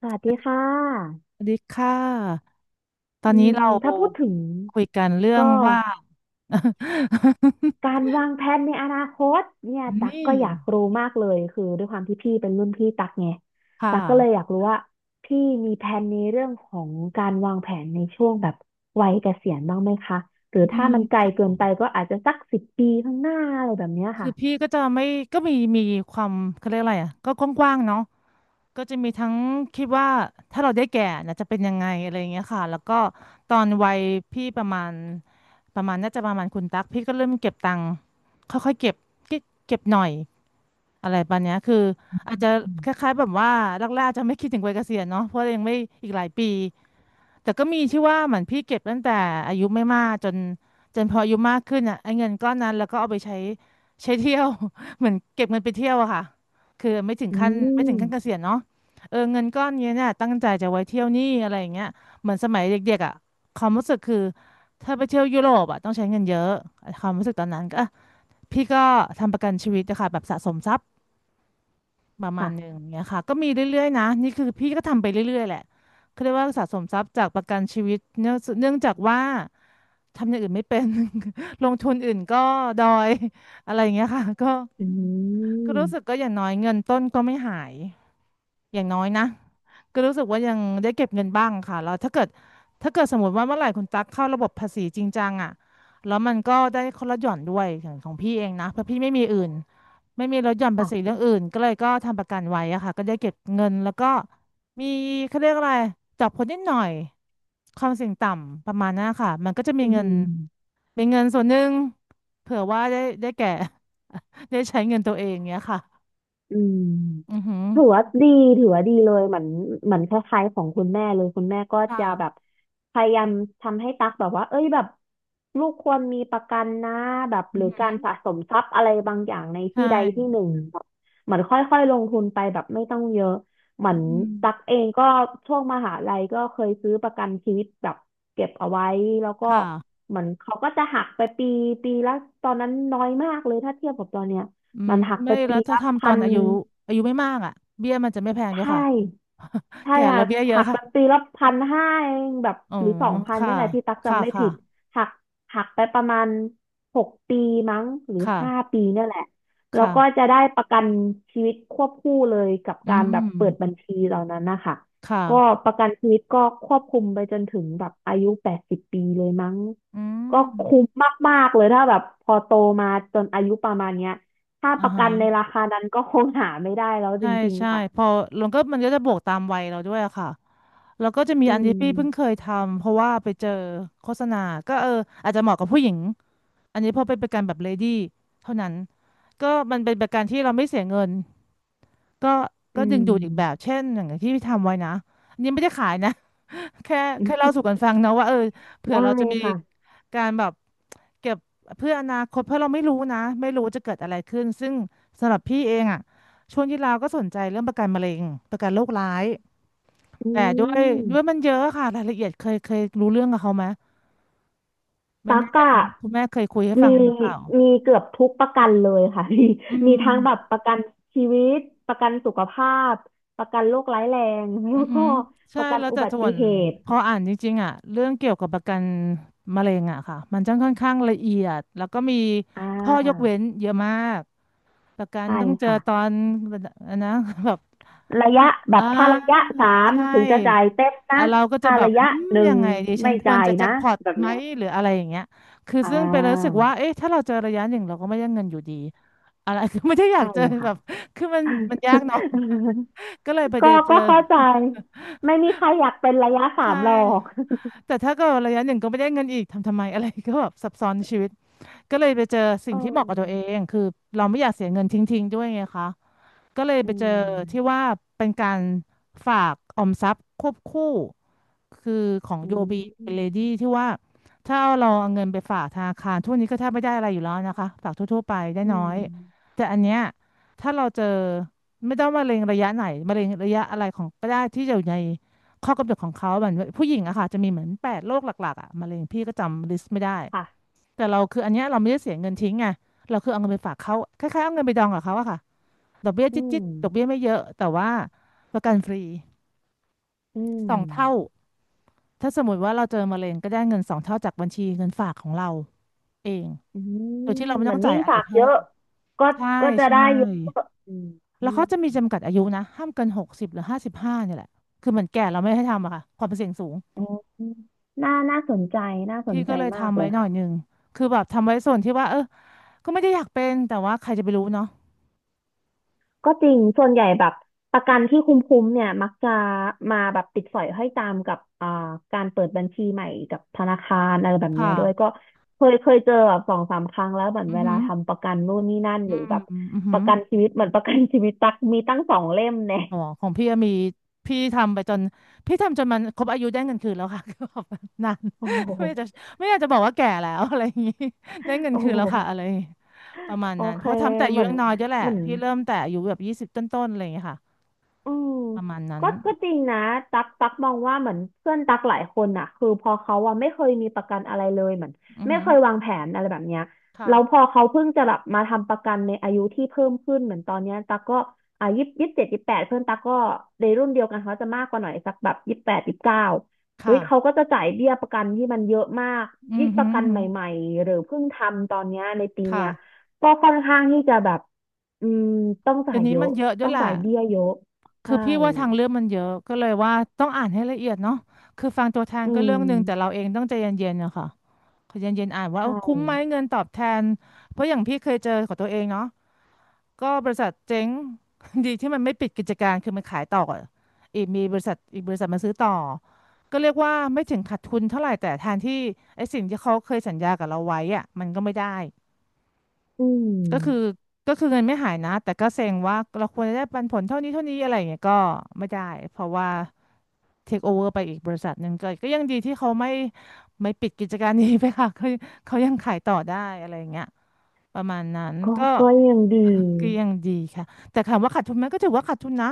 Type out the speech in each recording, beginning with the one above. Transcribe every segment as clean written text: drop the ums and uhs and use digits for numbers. สวัสดีสค่ะวัสดีค่ะ ตออืนนี้เราถ้าพูดถึงคุยกันเรื่องก็ว่า การวางแผนในอนาคตเนี่ยตักนี่ก็อยากรู้มากเลยคือด้วยความที่พี่เป็นรุ่นพี่ตักไงค่ตักก็เลยอะยากรู้ว่าพี่มีแผนในเรื่องของการวางแผนในช่วงแบบวัยเกษียณบ้างไหมคะหรือมี ถ้ามันไกลเกินไปก็อาจจะสักสิบปีข้างหน้าอะไรแบบเนี้ยคืค่ะอพี่ก็จะไม่ก็มีความเขาเรียกอะไรอ่ะก็กว้างๆเนาะก็จะมีทั้งคิดว่าถ้าเราได้แก่นะจะเป็นยังไงอะไรอย่างเงี้ยค่ะแล้วก็ตอนวัยพี่ประมาณประมาณน่าจะประมาณคุณตั๊กพี่ก็เริ่มเก็บตังค์ค่อยๆเก็บเก็บหน่อยอะไรประมาณเนี้ยคืออาจอจะืมคล้ายๆแบบว่าแรกๆจะไม่คิดถึงวัยเกษียณเนาะเพราะเรายังไม่อีกหลายปีแต่ก็มีที่ว่าเหมือนพี่เก็บตั้งแต่อายุไม่มากจนพออายุมากขึ้นอ่ะไอ้เงินก้อนนั้นแล้วก็เอาไปใช้ ใช้เที่ยว เหมือนเก็บเงินไปเที่ยวอะค่ะคือไม่ถึงอืขั้นไม่ถึมงขั้นเกษียณเนาะเออเงินก้อนเนี่ยตั้งใจจะไว้เที่ยวนี่อะไรอย่างเงี้ยเหมือนสมัยเด็กๆอะความรู้สึกคือถ้าไปเที่ยวยุโรปอะต้องใช้เงินเยอะความรู้สึกตอนนั้นก็อ่ะพี่ก็ทำประกันชีวิตนะคะแบบสะสมทรัพย์ประมาณหนึ่งค่ะเงี้ยค่ะก็มีเรื่อยๆนะนี่คือพี่ก็ทำไปเรื่อยๆแหละเขาเรียกว่าสะสมทรัพย์จากประกันชีวิตเนื่องจากว่าทำอย่างอื่นไม่เป็น ลงทุนอื่นก็ดอยอะไรอย่างเงี้ยค่ะก็ อืก็รู้สึกก็มอย่างน้อยเงินต้นก็ไม่หายอย่างน้อยนะก็รู้สึกว่ายังได้เก็บเงินบ้างค่ะแล้วถ้าเกิดสมมติว่าเมื่อไหร่คุณตั๊กเข้าระบบภาษีจริงจังอ่ะแล้วมันก็ได้คนละหย่อนด้วยอย่างของพี่เองนะเพราะพี่ไม่มีอื่นไม่มีลดหย่อนภาษีเรื่ค่ะองอื่นก็เลยก็ทำประกันไว้อะค่ะก็ได้เก็บเงินแล้วก็มีเขาเรียกอะไรจับคนนิดหน่อยความเสี่ยงต่ำประมาณนั้นค่ะมันก็จะมีอืเงินม เป็นเงินส่วนหนึ่งเผื่อว่าได้แก่ ได้ใช้เงินตัวเองเนี้ยค่ะ อืมอือหือถือว่าดีถือว่าดีเลยเหมือนเหมือนคล้ายๆของคุณแม่เลยคุณแม่ก็จะแบค่ะบพยายามทำให้ตักแบบว่าเอ้ยแบบลูกควรมีประกันนะแบบอืหอรือหืการอสะสมทรัพย์อะไรบางอย่างในใช่ที่ใดที่หนึ่งแบบเหมือนค่อยๆลงทุนไปแบบไม่ต้องเยอะเหมืออืนมตักเองก็ช่วงมหาลัยก็เคยซื้อประกันชีวิตแบบเก็บเอาไว้แล้วก็ค่ะเหมือนเขาก็จะหักไปปีละตอนนั้นน้อยมากเลยถ้าเทียบกับตอนเนี้ย อืมมันหักไปไม่แล้ปีวถ้าละทำตพัอนนอายุไม่มากอ่ะเบี้ยมันจะไม่แพงด้วยใช่ ค่ะ ใช่แก่แล้ค่ะวเบี้ยเยอะหักค่ะแบบปีละพันห้าเองแบบอ๋อหรือสองพันค่ะนี่แหละที่ตักค่ะจำไม่ค่ะผิดหักหักไปประมาณหกปีมั้งหรือค่ะห้าปีเนี่ยแหละแล้วค่ะ ก็จะได้ประกันชีวิตควบคู่เลยกับอืการแบบเปิดบัม ญชีเหล่านั้นนะคะค่ะก็ประกันชีวิตก็ควบคุมไปจนถึงแบบอายุแปดสิบปีเลยมั้งอืก็มคุ้มมากๆเลยถ้าแบบพอโตมาจนอายุประมาณเนี้ยถ้าอ่าประฮะกันในราคานั้นก็คงหาไม่ได้แล้วจใช่ริงใช่ๆค่ะพอลงก็มันก็จะบวกตามวัยเราด้วยอะค่ะแล้วก็จะมีอือันที่พี่เพิ่งเคม ยทำเพราะว่าไปเจอโฆษณาก็เอออาจจะเหมาะกับผู้หญิง อันนี้พอเป็นประกันแบบเลดี้เท่านั้นก็มันเป็นประกันที่เราไม่เสียเงินก็อืก็ดึงดูดอีกแบบมเช่นอย่างที่พี่ทำไว้นะอันนี้ไม่ได้ขายนะ แค่อืเล่ามสู่กันฟังนะว่าเออเผื่อได้เราจะมีค่ะการแบบเก็บเพื่ออนาคตเพราะเราไม่รู้นะไม่รู้จะเกิดอะไรขึ้นซึ่งสำหรับพี่เองอ่ะช่วงที่เราก็สนใจเรื่องประกันมะเร็งประกันโรคร้ายอืแต่ด้วยมมันเยอะค่ะรายละเอียดเคยรู้เรื่องกับเขาไหมไม่ตั๊แน่กใจอะคุณแม่เคยคุยให้ฟัมีงหรือเปล่ามีเกือบทุกประกันเลยค่ะ มีอืมีม ทั้งแบบประกันชีวิตประกันสุขภาพประกันโรคร้ายแรงแล้อือวหืก็อปใช่ระกันแล้วอุแต่บัส่ติวนเหตุพออ่านจริงๆอ่ะเรื่องเกี่ยวกับประกันมะเร็งอ่ะค่ะมันจะค่อนข้างละเอียดแล้วก็มีอ่ข้อยกาเว้นเยอะมากประกันใช่ต้องเจอค่ะตอนอันนะ แบบระขั้ยะนแบอ่าบถ้าระยะสามใช่ถึงจะจ่ายเต็มอ่ะนะเราก็จะถ้าแบบระอืยะมหนึ่ยังงไงดีฉันไม่ควรจ่ายจะแจ็คนะพอตแบบไหมเนี้ยหรืออะไรอย่างเงี้ยคืออ่ซึ่งเป็นรู้สึกาว่าเอ๊ะถ้าเราเจอระยะหนึ่งเราก็ไม่ได้เงินอยู่ดีอะไร คือไม่ได้อยาใช่กเจอแบค่ะ บคือมันยากเนาะก็เลยไป เจก็อเจอเข้าใจไม่มีใครอยากเป็นระยะสาใช่ มหรอกแต่ถ้าเก็ระยะหนึ่งก็ไม่ได้เงินอีกทำไมอะไร ก็แบบซับซ้อนในชีวิตก็เลยไปเจอสิ่อืงที่เหมาะมกับตัวเองคือเราไม่อยากเสียเงินทิ้งๆด้วยไงคะ ก็เลยอืไปเจอที่มว่าเป็นการฝากออมทรัพย์ควบคู่คือของอืย o b เป็นเลมดี้ที่ว่าถ้าเราเอาเงินไปฝากธนาคารทุกวันนี้ก็แทบไม่ได้อะไรอยู่แล้วนะคะฝากทั่วๆไปได้อืน้อมยแต่อันเนี้ยถ้าเราเจอไม่ต้องมะเร็งระยะไหนมะเร็งระยะอะไรของก็ได้ที่อยู่ในข้อกำหนดของเขาเหมือนผู้หญิงอะค่ะจะมีเหมือน8 โรคหลักๆอะมะเร็งพี่ก็จำลิสต์ไม่ได้ค่ะแต่เราคืออันเนี้ยเราไม่ได้เสียเงินทิ้งไงเราคือเอาเงินไปฝากเขาคล้ายๆเอาเงินไปดองกับเขาอะค่ะ ดอกเบี้ยอืจิ๊ดจิ๊ดมดอกเบี้ยไม่เยอะแต่ว่าประกันฟรีอืสมองเท่าถ้าสมมติว่าเราเจอมะเร็งก็ได้เงินสองเท่าจากบัญชีเงินฝากของเราเองอืโดยมที่เราไม่เหมืต้ออนงยิ่จ่ายงอะไรฝากเพิ่เยอะมก็ใช่จะใช่ได้เยอะอืมอืแล้วเขาจะมีมจำกัดอายุนะห้ามเกินหกสิบหรือห้าสิบห้าเนี่ยแหละคือเหมือนแก่เราไม่ให้ทำอะค่ะความเสี่ยงสูงอืมน่าน่าสนใจน่าสนพี่ใจก็เลยมากทำเลไว้ยหน่อค่ะ ยหนึ่งคือแบบทำไว้ส่วนที่ว่าก็ไม่ได้อยากเป็นแต่ว่าใครจะไปรู้เนาะก็จริง ส่วนใหญ่แบบประกันที่คุ้มๆเนี่ยมักจะมาแบบติดสอยห้อยตามกับอ่าการเปิดบัญชีใหม่กับธนาคารอะไรแบบเนี้ค่ะยด้วยก็เคยเคยเจอแบบสองสามครั้งแล้วเหมือนอือเวหืลาอทำประกันนู่นนี่นั่นอืหรือมแบบอือหืปอ ระกันชีวิตเหมือนประกันชีวิตตักมีตั้งสองเล่มเนี่ยอ๋อของพี่อะมีพี่ทำไปจนพี่ทำจนมันครบอายุได้เงินคืนแล้วค่ะ คือแบบนาน โอ้ โหไม่อยากจะไม่อยากจะบอกว่าแก่แล้ว อะไรอย่างนี้ได้เงินโอ้คืนโหแล้วค่ะอะไรอย่างงี้ประมาณโอนั้นเคเพราะทำแต่อายุเหมือนยังน้อยด้วยแหละเหมือน พี่เริ่มแต่อายุแบบยี่สิบต้นๆอะไรอย่างเงี้ยค่ะอืมประมาณนั้นก็จริงนะตักตักมองว่าเหมือนเพื่อนตักหลายคนน่ะคือพอเขาอ่ะไม่เคยมีประกันอะไรเลยเหมือนอือไม่หือเคยวางแผนอะไรแบบเนี้ยค่ะแล้วพอเขาเพิ่งจะแบบมาทำประกันในอายุที่เพิ่มขึ้นเหมือนตอนเนี้ยตักก็อ่ายี่สิบยี่สิบเจ็ดยี่สิบแปดเพื่อนตักก็ในรุ่นเดียวกันเขาจะมากกว่าหน่อยสักแบบยี่สิบแปดยี่สิบเก้าเฮ้ค่ะยเขาก็จะจ่ายเบี้ยประกันที่มันเยอะมาก อืยิ่องปหืระอกันหืใหอม่ๆหรือเพิ่งทำตอนเนี้ยในปีเนี้ยค่ะก็ค่อนข้างที่จะแบบอืมต้องจ่าเดี๋ยยวนี้เยมัอะนเยอะด้วต้ยองแหละจ่ายเบี้ยเยอะ คืใช่อพี่ว่าทางเรื่องมันเยอะก็เลยว่าต้องอ่านให้ละเอียดเนาะคือฟังตัวแทนอืก็เรื่อมงหนึ่งแต่เราเองต้องใจเย็นๆอะค่ะ ขอเย็นๆอ่านว่าใช่คุ้มไหมเงินตอบแทนเพราะอย่างพี่เคยเจอของตัวเองเนาะก็บริษัทเจ๊ง ดีที่มันไม่ปิดกิจการคือมันขายต่ออะอีกมีบริษัทอีกบริษัทมาซื้อต่อก็เรียกว่าไม่ถึงขาดทุนเท่าไหร่แต่แทนที่ไอ้สิ่งที่เขาเคยสัญญากับเราไว้อะมันก็ไม่ได้อืก็คือมก็คือเงินไม่หายนะแต่ก็เซ็งว่าเราควรจะได้ปันผลเท่านี้เท่านี้อะไรอย่างเงี้ยก็ไม่ได้เพราะว่า เทคโอเวอร์ไปอีกบริษัทหนึ่งก็ก็ยังดีที่เขาไม่ไม่ปิดกิจการนี้ไปค่ะ เขาเขายังขายต่อได้อะไรอย่างเงี้ยประมาณนั้นก็ก็ ยังดี ก็ยังดีค่ะแต่ถามว่าขาดทุนไหมก็ถือว่าขาดทุนนะ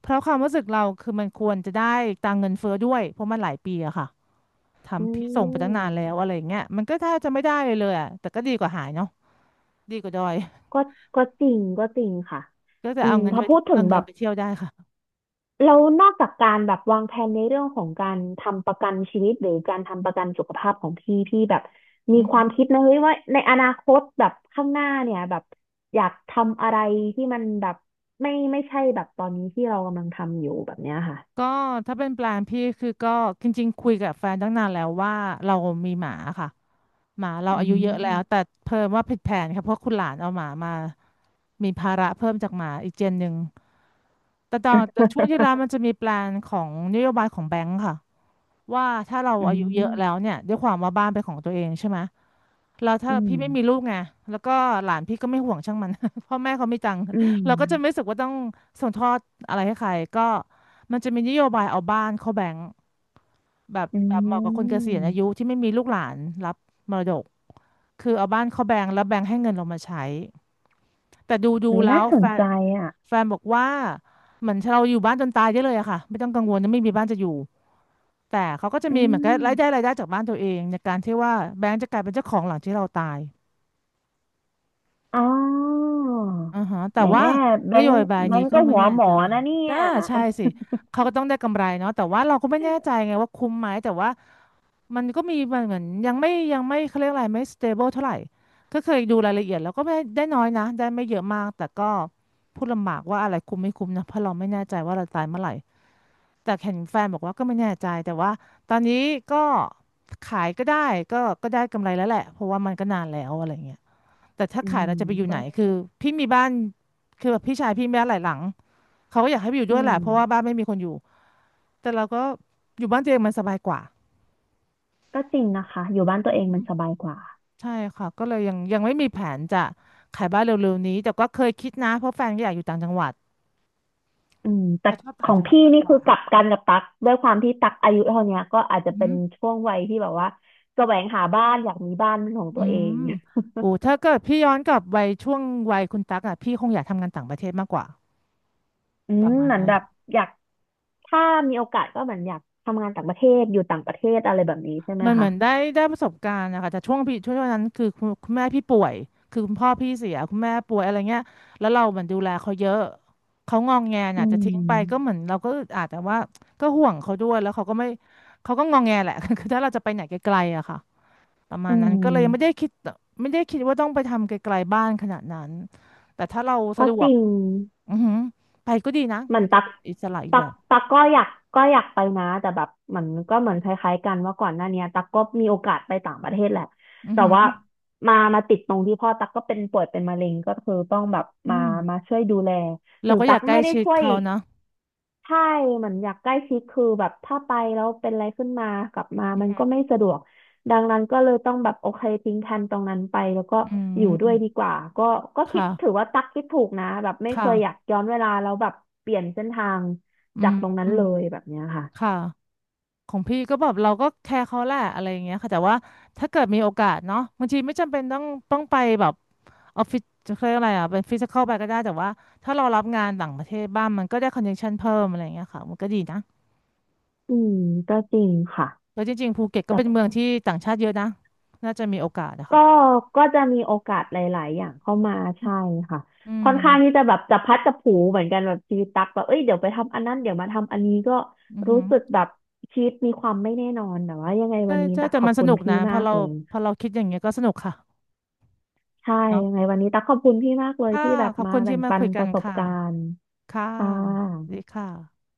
เพราะความรู้สึกเราคือมันควรจะได้ตังค์เงินเฟ้อด้วยเพราะมันหลายปีอะค่ะอืทำพี่ส่งไปตั้งมนานแล้วอะไรอย่างเงี้ยมันก็แทบจะไม่ได้เลยเลยอะแต่ก็ดีกว่าหายเนาะดีกว่าดอยก็จริงก็จริงค่ะก็จะอืเอามเงินถ้าไปพูดถึงแบบเที่ยวได้ค่ะเรานอกจากการแบบวางแผนในเรื่องของการทำประกันชีวิตหรือการทำประกันสุขภาพของพี่แบบมีอืความมคิดนะเฮ้ยว่าในอนาคตแบบข้างหน้าเนี่ยแบบอยากทำอะไรที่มันแบบไม่ใช่แบบตอนนี้ที่เรากำลังทำอยู่แบบเนี้ยค่ะก็ถ้าเป็นแปลนพี่คือก็จริงๆคุยกับแฟนตั้งนานแล้วว่าเรามีหมาค่ะ หมาเราอือายุเยอะแล้ม ว แต่เพิ่มว่าผิดแผนค่ะเพราะคุณหลานเอาหมามามีภาระเพิ่มจากหมาอีกเจนหนึ่งแต่ตอนแต่ช่วงที่แล้วมันจะมีแปลนของนโยบายของแบงค์ค่ะว่าถ้าเราอือายุเยมอะแล้วเนี่ยด้วยความว่าบ้านเป็นของตัวเองใช่ไหมแล้วถ้าอืม พี่ไม่มีลูกไงแล้วก็หลานพี่ก็ไม่ห่วงช่างมัน พ่อแม่เขามีตังค์อืเราก็จะไม่มรู้สึกว่าต้องส่งทอดอะไรให้ใครก็มันจะมีนโยบายเอาบ้านเข้าแบงค์ แบบอืแบบเหมาะกับคนเกษียณอายุมที่ไม่มีลูกหลานรับมรดกคือเอาบ้านเขาแบงก์แล้วแบงก์ให้เงินเรามาใช้แต่ดูเฮ้ยแล้น่าวสแฟนนใจอ่ะแฟนบอกว่าเหมือนเราอยู่บ้านจนตายได้เลยอะค่ะไม่ต้องกังวลนะไม่มีบ้านจะอยู่แต่เขาก็จะอืมีเหมือนกับรายได้มรายได้จากบ้านตัวเองในการที่ว่าแบงก์จะกลายเป็นเจ้าของหลังที่เราตายอ๋ออ่าฮะแต่แหมว่าแบนงโยค์บายแบนี้งค์ก็ก็ไม่หัวแน่หมอใจนะเนี่ยน่าใช่สิเขาก็ต้องได้กำไรเนาะแต่ว่าเราก็ไม่แน่ใจไงว่าคุ้มไหมแต่ว่า มันก็มีมันเหมือนยังไม่ยังไม่เขาเรียกอะไรไม่ stable เท่าไหร่ก็เคยดูรายละเอียดแล้วก็ไม่ได้น้อยนะได้ไม่เยอะมากแต่ก็พูดลำบากว่าอะไรคุ้มไม่คุ้มนะเพราะเราไม่แน่ใจว่าเราตายเมื่อไหร่แต่เห็นแฟนบอกว่าก็ไม่แน่ใจแต่ว่าตอนนี้ก็ขายก็ได้ก็ได้กำไรแล้วแหละเพราะว่ามันก็นานแล้วอะไรเงี้ยแต่ถ้าอืขายมเราจะไปอยู่ก็ไหนคือพี่มีบ้านคือแบบพี่ชายพี่มีบ้านหลายหลังเขาก็อยากให้ไปอยู่อืด้วยแหมละเพราะว่าบ้านไม่มีคนอยู่แต่เราก็อยู่บ้านตัวเองมันสบายกว่า ก็จริงนะคะอยู่บ้านตัวเองมันสบายกว่าใช่ค่ะก็เลยยังไม่มีแผนจะขายบ้านเร็วๆนี้แต่ก็เคยคิดนะเพราะแฟนก็อยากอยู่ต่างจังหวัดอืมแต่เขาชอบขต่างองจังหวัดพี่มากนี่กคือว่ากลับกันกับตักด้วยความที่ตักอายุเท่าเนี้ยก็อาจจะอืเป็นมช่วงวัยที่แบบว่าแสวงหาบ้านอยากมีบ้านเป็นของออืตัวเอง มโอ้ถ้าเกิดพี่ย้อนกลับไปช่วงวัยคุณตั๊กอ่ะพี่คงอยากทำงานต่างประเทศมากกว่าอืประมมาณเหมือนนั้น แบบอยากถ้ามีโอกาสก็เหมือนอยากทำงานต่างประเทศอยู่ต่างประเทศอะไรแบบนี้ใช่ไหมมันเหมืคะอนได้ได้ประสบการณ์นะคะแต่ช่วงพี่ช่วงนั้นคือคุณแม่พี่ป่วยคือคุณพ่อพี่เสียคุณแม่ป่วยอะไรเงี้ยแล้วเราเหมือนดูแลเขาเยอะเขางองแงอืน่ะจะทิ้งไปก็เหมมือนเราก็อึดอัดแต่ว่าก็ห่วงเขาด้วยแล้วเขาก็ไม่เขาก็งองแงแหละ คือถ้าเราจะไปไหนไกลๆอะค่ะประมาอืณนั้นก็เลยไม่ได้มคิดไม่ได้คิดว่าต้องไปทำไกลๆบ้านขนาดนั้นแต่ถ้าเราสะก็ดจวกริงอือหือไปก็ดีนะเหมือมันนก็ตักเป็นอิสระอีกตัแบกบตักก็อยากก็อยากไปนะแต่แบบเหมันก็เหมือนคล้ายๆกันว่าก่อนหน้าเนี้ยตักก็มีโอกาสไปต่างประเทศแหละอือแต่หือว่ามาติดตรงที่พ่อตักก็เป็นป่วยเป็นมะเร็งก็คือต้องแบบอืมามมาช่วยดูแลเราถึงก็อตัยากกใกล้ไม่ได้ชิดช่วย เขานะใช่เหมือนอยากใกล้ชิดคือแบบถ้าไปแล้วเป็นอะไรขึ้นมากลับมามันก็ไม่สะดวกดังนั้นก็เลยต้องแบบโอเคทิ้งแผนตรงนั้นไปแล้วก็อือยู่ด้วยมดีกว่าก็ก็คิดถือค่ะ ว่าตักคิดถูกนะแบบไม่เคค่ะยอยากย้อนเวลาแล้วแบบเปลี่ยนเส้นทางอืจากมตรงนั้นอืมเลยแบบเนี้ยค่ะค่ะของพี่ก็แบบเราก็แคร์เขาแหละอะไรอย่างเงี้ยค่ะแต่ว่าถ้าเกิดมีโอกาสเนาะบางทีไม่จำเป็นต้องต้องไปแบบออฟฟิศจะเรียกอะไรอ่ะเป็นฟิสิคอลไปก็ได้แต่ว่าถ้าเรารับงานต่างประเทศบ้างมันก็ได้คอนเนคชันเพิ่มอะไรอย่างเงี้ยค่ะมันก็ดีนะอืมก็จริงค่ะ แล้วจริงๆภูเก็ตก็เป็นเมืองที่ต่างชาติเยอะนะน่าจะมีโอกาสอะก็ค่ะก็จะมีโอกาสหลายๆอย่างเข้ามาใช่ค่ะอืค่มอนข้างที่จะแบบจับพลัดจับผลูเหมือนกันแบบชีวิตตักแบบเอ้ยเดี๋ยวไปทำอันนั้นเดี๋ยวมาทำอันนี้ก็อือหืรู้อสึกแบบชีวิตมีความไม่แน่นอนแต่ว่ายังไงใช่วันนี้ใช่ตักแต่ขอมับนสคุณนุกพี่นะพมาอกเราเลยพอเราคิดอย่างเงี้ยก็สนุกค่ะใช่เนาะยังไงวันนี้ตักขอบคุณพี่มากเลยค่ะที่แบบขอบมาคุณที่แบ่งมาปัคุนยปกันระสบค่ะการณ์ค่ะค่ะสวัสดีค่ะ